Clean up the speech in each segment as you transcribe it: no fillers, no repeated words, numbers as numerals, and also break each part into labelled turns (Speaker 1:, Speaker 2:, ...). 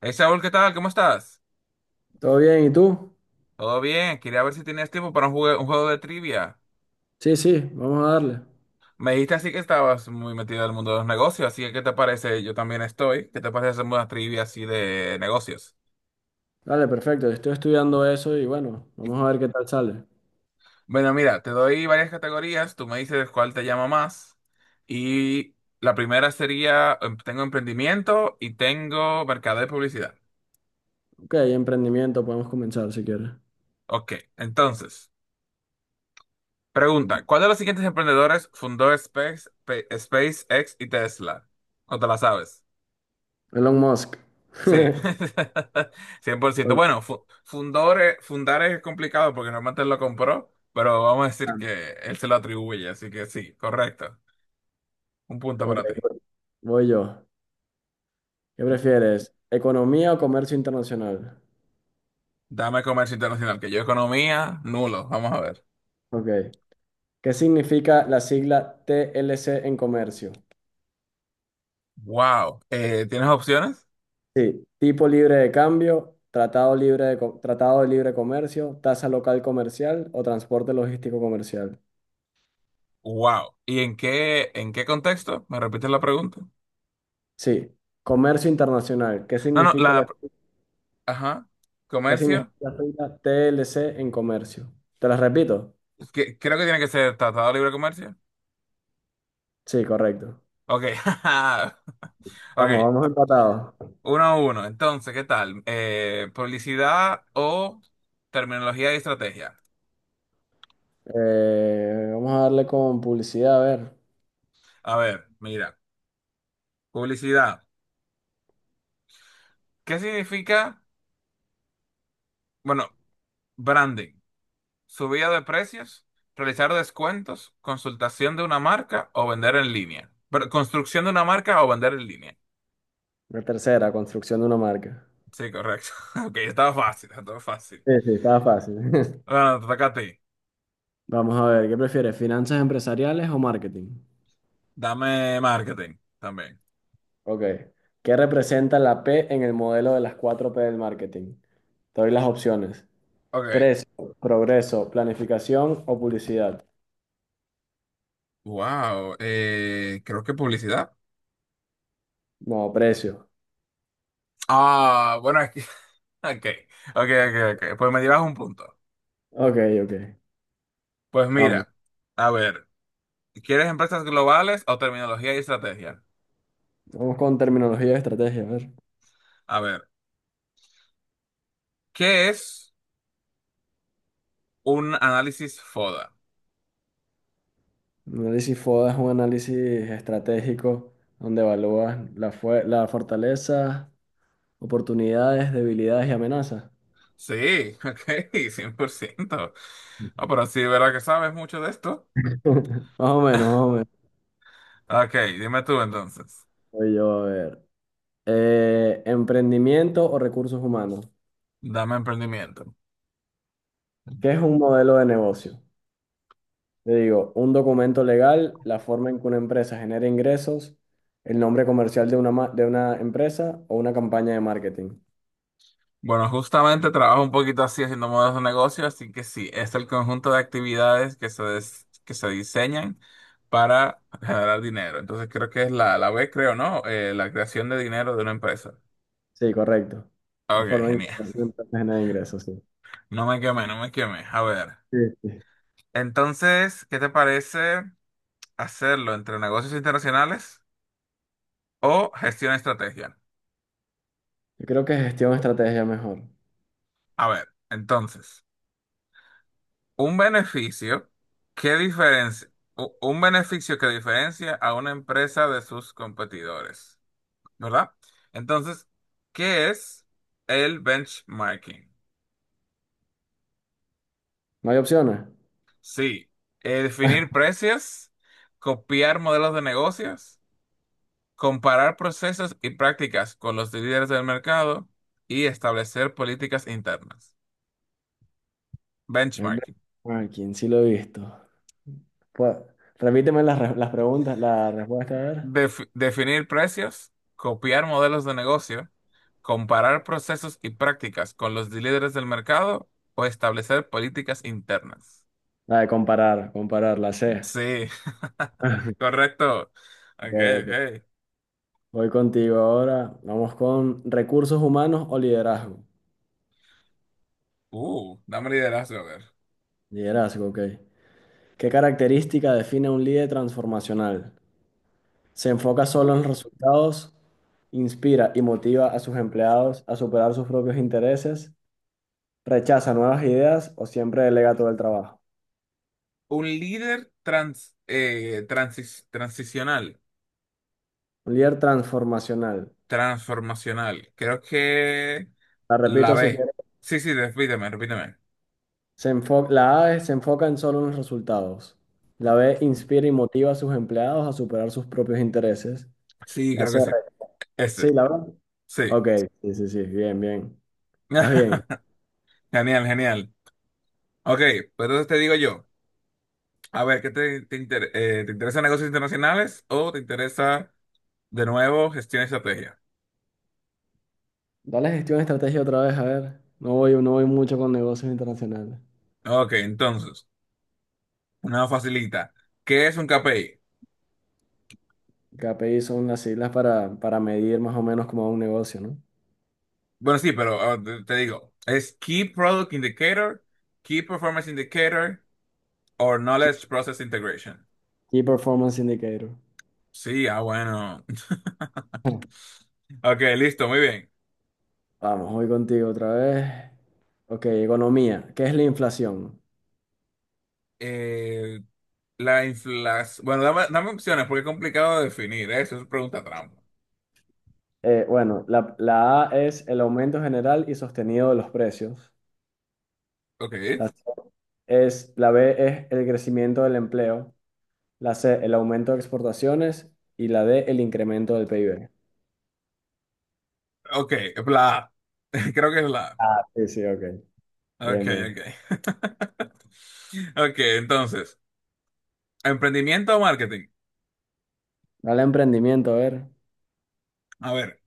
Speaker 1: Hey Saúl, ¿qué tal? ¿Cómo estás?
Speaker 2: ¿Todo bien? ¿Y tú?
Speaker 1: Todo bien, quería ver si tenías tiempo para un juego de trivia.
Speaker 2: Sí, sí, vamos a darle.
Speaker 1: Me dijiste así que estabas muy metido en el mundo de los negocios, así que ¿qué te parece? Yo también estoy. ¿Qué te parece hacer una trivia así de negocios?
Speaker 2: Dale, perfecto. Estoy estudiando eso y bueno, vamos a ver qué tal sale.
Speaker 1: Bueno, mira, te doy varias categorías, tú me dices cuál te llama más. Y la primera sería, tengo emprendimiento y tengo mercado de publicidad.
Speaker 2: Ok, emprendimiento, podemos comenzar si quieres.
Speaker 1: Ok, entonces, pregunta, ¿cuál de los siguientes emprendedores fundó SpaceX y Tesla? ¿O te la sabes?
Speaker 2: Elon Musk.
Speaker 1: Sí, cien por ciento.
Speaker 2: Ok,
Speaker 1: Bueno, fundar es complicado porque normalmente él lo compró, pero vamos a decir que él se lo atribuye, así que sí, correcto. Un punto
Speaker 2: ok,
Speaker 1: para ti.
Speaker 2: voy yo. ¿Qué prefieres? ¿Economía o comercio internacional?
Speaker 1: Dame comercio internacional, que yo economía, nulo. Vamos a ver.
Speaker 2: Ok. ¿Qué significa la sigla TLC en comercio?
Speaker 1: Wow. ¿Tienes opciones?
Speaker 2: Sí, tipo libre de cambio, tratado de libre comercio, tasa local comercial o transporte logístico comercial.
Speaker 1: Wow. ¿Y en qué contexto? ¿Me repites la pregunta?
Speaker 2: Sí, comercio internacional.
Speaker 1: No, no, Ajá.
Speaker 2: ¿Qué significa
Speaker 1: Comercio.
Speaker 2: la sigla TLC en comercio? ¿Te las repito?
Speaker 1: Que, creo que tiene que ser Tratado de Libre Comercio.
Speaker 2: Sí, correcto.
Speaker 1: Ok.
Speaker 2: Vamos,
Speaker 1: Ok.
Speaker 2: vamos empatados.
Speaker 1: Uno a uno. Entonces, ¿qué tal? Publicidad o terminología y estrategia.
Speaker 2: Vamos a darle con publicidad, a ver.
Speaker 1: A ver, mira, publicidad. ¿Qué significa? Bueno, branding. Subida de precios, realizar descuentos, consultación de una marca o vender en línea. Pero, construcción de una marca o vender en línea.
Speaker 2: La tercera, construcción de una marca.
Speaker 1: Sí, correcto. Ok, estaba fácil, estaba fácil.
Speaker 2: Sí, sí, estaba fácil.
Speaker 1: Bueno, te toca a ti.
Speaker 2: Vamos a ver, ¿qué prefieres? ¿Finanzas empresariales o marketing?
Speaker 1: Dame marketing también.
Speaker 2: Ok. ¿Qué representa la P en el modelo de las cuatro p del marketing? Te doy las opciones.
Speaker 1: Ok.
Speaker 2: Precio, progreso, planificación o publicidad.
Speaker 1: Wow. Creo que publicidad.
Speaker 2: No, precio.
Speaker 1: Ah, bueno, es que. Ok, ok, ok, ok. Pues me llevas un punto.
Speaker 2: Ok, ok.
Speaker 1: Pues
Speaker 2: Vamos.
Speaker 1: mira, a ver, ¿quieres empresas globales o terminología y estrategia?
Speaker 2: Vamos con terminología de estrategia. A ver.
Speaker 1: A ver, ¿qué es un análisis FODA?
Speaker 2: Un análisis FODA es un análisis estratégico donde evalúas la fortaleza, oportunidades, debilidades y amenazas.
Speaker 1: Sí, ok, 100%. Ah, pero sí, ¿verdad que sabes mucho de esto?
Speaker 2: Más o menos, más o menos.
Speaker 1: Ok, dime tú entonces.
Speaker 2: Voy yo a ver. Emprendimiento o recursos humanos.
Speaker 1: Dame emprendimiento.
Speaker 2: ¿Qué es un modelo de negocio? Le digo, un documento legal, la forma en que una empresa genera ingresos, el nombre comercial de una empresa o una campaña de marketing.
Speaker 1: Bueno, justamente trabajo un poquito así haciendo modelos de negocio, así que sí, es el conjunto de actividades que se diseñan para generar dinero. Entonces creo que es la B, creo, ¿no? La creación de dinero de una empresa.
Speaker 2: Sí, correcto. La
Speaker 1: Ok,
Speaker 2: forma en que
Speaker 1: genial.
Speaker 2: se genera ingresos, sí.
Speaker 1: No me quemé, no me quemé. A ver.
Speaker 2: Sí, sí.
Speaker 1: Entonces, ¿qué te parece hacerlo entre negocios internacionales o gestión estrategia?
Speaker 2: Yo creo que gestión estrategia mejor.
Speaker 1: A ver, entonces. Un beneficio que diferencia a una empresa de sus competidores, ¿verdad? Entonces, ¿qué es el benchmarking?
Speaker 2: No hay opciones.
Speaker 1: Sí, definir precios, copiar modelos de negocios, comparar procesos y prácticas con los líderes del mercado y establecer políticas internas.
Speaker 2: El
Speaker 1: Benchmarking.
Speaker 2: ranking, sí lo he visto. Pues, las preguntas, la respuesta, a ver.
Speaker 1: Definir precios, copiar modelos de negocio, comparar procesos y prácticas con los líderes del mercado o establecer políticas internas.
Speaker 2: La de comparar, comparar, la C.
Speaker 1: Sí, correcto.
Speaker 2: Ok,
Speaker 1: Ok,
Speaker 2: ok.
Speaker 1: ok.
Speaker 2: Voy contigo ahora. Vamos con recursos humanos o liderazgo.
Speaker 1: Dame liderazgo, a ver.
Speaker 2: Liderazgo, ok. ¿Qué característica define a un líder transformacional? Se enfoca solo
Speaker 1: Uf.
Speaker 2: en los resultados, inspira y motiva a sus empleados a superar sus propios intereses, rechaza nuevas ideas o siempre delega todo el trabajo.
Speaker 1: Un líder transicional,
Speaker 2: Un líder transformacional.
Speaker 1: transformacional. Creo que
Speaker 2: La
Speaker 1: la
Speaker 2: repito si
Speaker 1: B.
Speaker 2: quieres.
Speaker 1: Sí, sí, repíteme, repíteme.
Speaker 2: La A es se enfoca en solo en los resultados. La B inspira y motiva a sus empleados a superar sus propios intereses.
Speaker 1: Sí,
Speaker 2: La
Speaker 1: creo
Speaker 2: C,
Speaker 1: que
Speaker 2: re-
Speaker 1: sí.
Speaker 2: sí,
Speaker 1: Ese,
Speaker 2: la verdad.
Speaker 1: sí.
Speaker 2: Ok, sí, sí, sí, bien, bien. Más bien.
Speaker 1: Genial, genial. Ok, pues entonces te digo yo, a ver, ¿qué te interesa negocios internacionales o te interesa de nuevo gestión y estrategia?
Speaker 2: Dale gestión de estrategia otra vez, a ver. No voy, no voy mucho con negocios internacionales.
Speaker 1: Ok, entonces, una facilita. ¿Qué es un KPI?
Speaker 2: KPI son las siglas para medir más o menos como un negocio, ¿no?
Speaker 1: Bueno, sí, pero te digo, es Key Product Indicator, Key Performance Indicator or
Speaker 2: Key
Speaker 1: Knowledge Process Integration.
Speaker 2: Key Performance Indicator.
Speaker 1: Sí, ah, bueno. Ok, listo, muy bien.
Speaker 2: Vamos, voy contigo otra vez. Ok, economía. ¿Qué es la inflación?
Speaker 1: Eh, la inflación. Bueno, dame opciones porque es complicado de definir, ¿eh? Eso es pregunta trampa.
Speaker 2: Bueno, la A es el aumento general y sostenido de los precios.
Speaker 1: Ok,
Speaker 2: La, C la B es el crecimiento del empleo. La C, el aumento de exportaciones. Y la D, el incremento del PIB.
Speaker 1: ok, la A. Creo que es la
Speaker 2: Sí, sí, ok.
Speaker 1: A. Ok,
Speaker 2: Bien, bien.
Speaker 1: ok. Ok, entonces, emprendimiento o marketing.
Speaker 2: Dale a emprendimiento, a ver.
Speaker 1: A ver,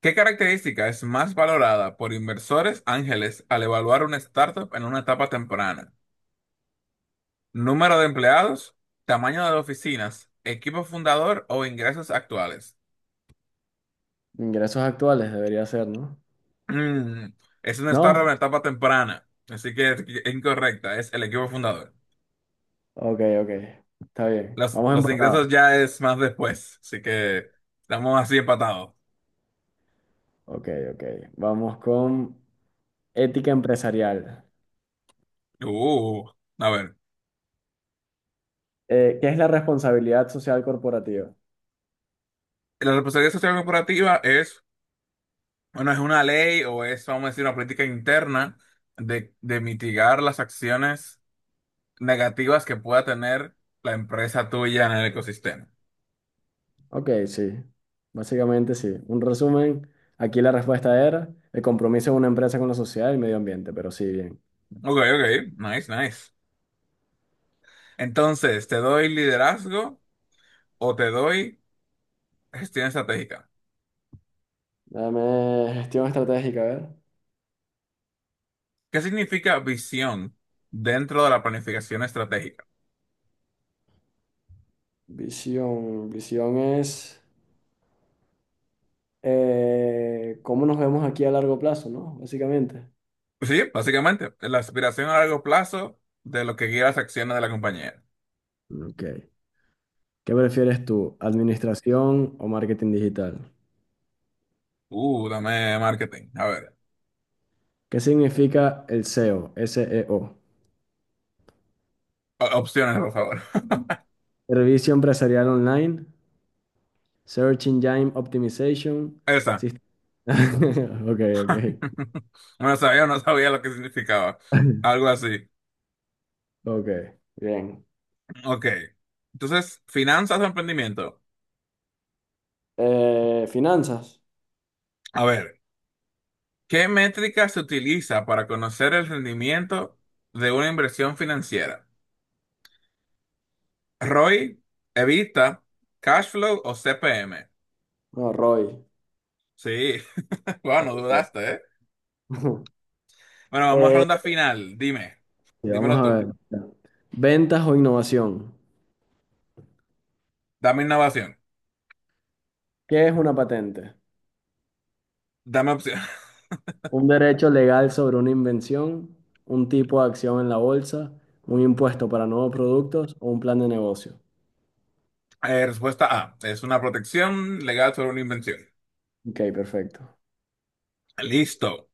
Speaker 1: ¿qué característica es más valorada por inversores ángeles al evaluar una startup en una etapa temprana? ¿Número de empleados, tamaño de oficinas, equipo fundador o ingresos actuales?
Speaker 2: Ingresos actuales debería ser, ¿no?
Speaker 1: Mm, es una startup
Speaker 2: ¿No?
Speaker 1: en etapa temprana, así que es incorrecta, es el equipo fundador.
Speaker 2: Ok, ok. Está bien.
Speaker 1: Los,
Speaker 2: Vamos
Speaker 1: los
Speaker 2: empatados.
Speaker 1: ingresos ya es más después, así que estamos así empatados.
Speaker 2: Ok, ok. Vamos con ética empresarial.
Speaker 1: Uh, a ver.
Speaker 2: ¿Qué es la responsabilidad social corporativa?
Speaker 1: La responsabilidad social corporativa es, bueno, es una ley o es, vamos a decir, una política interna de mitigar las acciones negativas que pueda tener la empresa tuya en el ecosistema.
Speaker 2: Ok, sí. Básicamente sí. Un resumen. Aquí la respuesta era el compromiso de una empresa con la sociedad y el medio ambiente, pero sí, bien.
Speaker 1: Ok, ok, nice, nice. Entonces, ¿te doy liderazgo o te doy gestión estratégica?
Speaker 2: Dame gestión estratégica, a ver.
Speaker 1: ¿Qué significa visión dentro de la planificación estratégica?
Speaker 2: Visión. Visión es cómo nos vemos aquí a largo plazo, ¿no? Básicamente.
Speaker 1: Sí, básicamente, la aspiración a largo plazo de lo que guía las acciones de la compañía.
Speaker 2: Ok. ¿Qué prefieres tú, administración o marketing digital?
Speaker 1: Dame marketing. A ver,
Speaker 2: ¿Qué significa el SEO?
Speaker 1: opciones, por favor.
Speaker 2: Servicio empresarial online, Search Engine Optimization,
Speaker 1: Esa.
Speaker 2: sist- Ok, ok.
Speaker 1: No sabía, no sabía lo que significaba. Algo así.
Speaker 2: Ok, bien.
Speaker 1: Ok. Entonces, finanzas o emprendimiento.
Speaker 2: Finanzas.
Speaker 1: A ver, ¿qué métrica se utiliza para conocer el rendimiento de una inversión financiera? ROI, EBITDA, cash flow o CPM.
Speaker 2: No, Roy.
Speaker 1: Sí, bueno,
Speaker 2: Ok.
Speaker 1: dudaste, ¿eh? Bueno, vamos a
Speaker 2: Eh,
Speaker 1: ronda final. Dime,
Speaker 2: sí, vamos
Speaker 1: dímelo
Speaker 2: a
Speaker 1: tú.
Speaker 2: ver. Ventas o innovación.
Speaker 1: Dame innovación.
Speaker 2: ¿Qué es una patente?
Speaker 1: Dame opción.
Speaker 2: Un derecho legal sobre una invención, un tipo de acción en la bolsa, un impuesto para nuevos productos o un plan de negocio.
Speaker 1: Respuesta A. Es una protección legal sobre una invención.
Speaker 2: Ok, perfecto.
Speaker 1: Listo.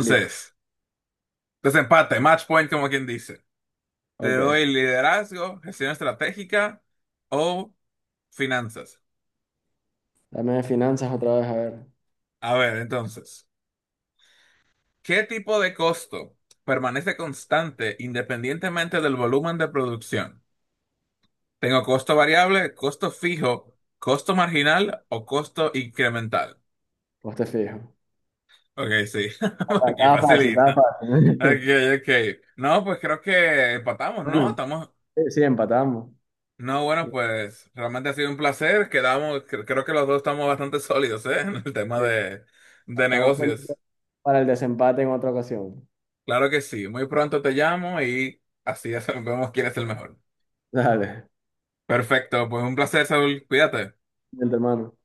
Speaker 2: Listo.
Speaker 1: desempate, match point, como quien dice. Te doy
Speaker 2: Ok.
Speaker 1: liderazgo, gestión estratégica o finanzas.
Speaker 2: Dame de finanzas otra vez, a ver.
Speaker 1: A ver, entonces, ¿qué tipo de costo permanece constante independientemente del volumen de producción? ¿Tengo costo variable, costo fijo, costo marginal o costo incremental?
Speaker 2: Pues te fijo.
Speaker 1: Ok, sí.
Speaker 2: Ah,
Speaker 1: Ok,
Speaker 2: estaba fácil, estaba
Speaker 1: facilita.
Speaker 2: fácil.
Speaker 1: Ok, ok. No, pues creo que empatamos, ¿no?
Speaker 2: Bueno,
Speaker 1: Estamos.
Speaker 2: sí, sí, empatamos.
Speaker 1: No, bueno,
Speaker 2: Sí,
Speaker 1: pues realmente ha sido un placer. Quedamos, creo que los dos estamos bastante sólidos, ¿eh? En el tema
Speaker 2: sí.
Speaker 1: de,
Speaker 2: Estamos pendientes
Speaker 1: negocios.
Speaker 2: para el desempate en otra ocasión.
Speaker 1: Claro que sí. Muy pronto te llamo y así vemos quién es el mejor.
Speaker 2: Dale,
Speaker 1: Perfecto, pues un placer, Saúl. Cuídate.
Speaker 2: mi hermano.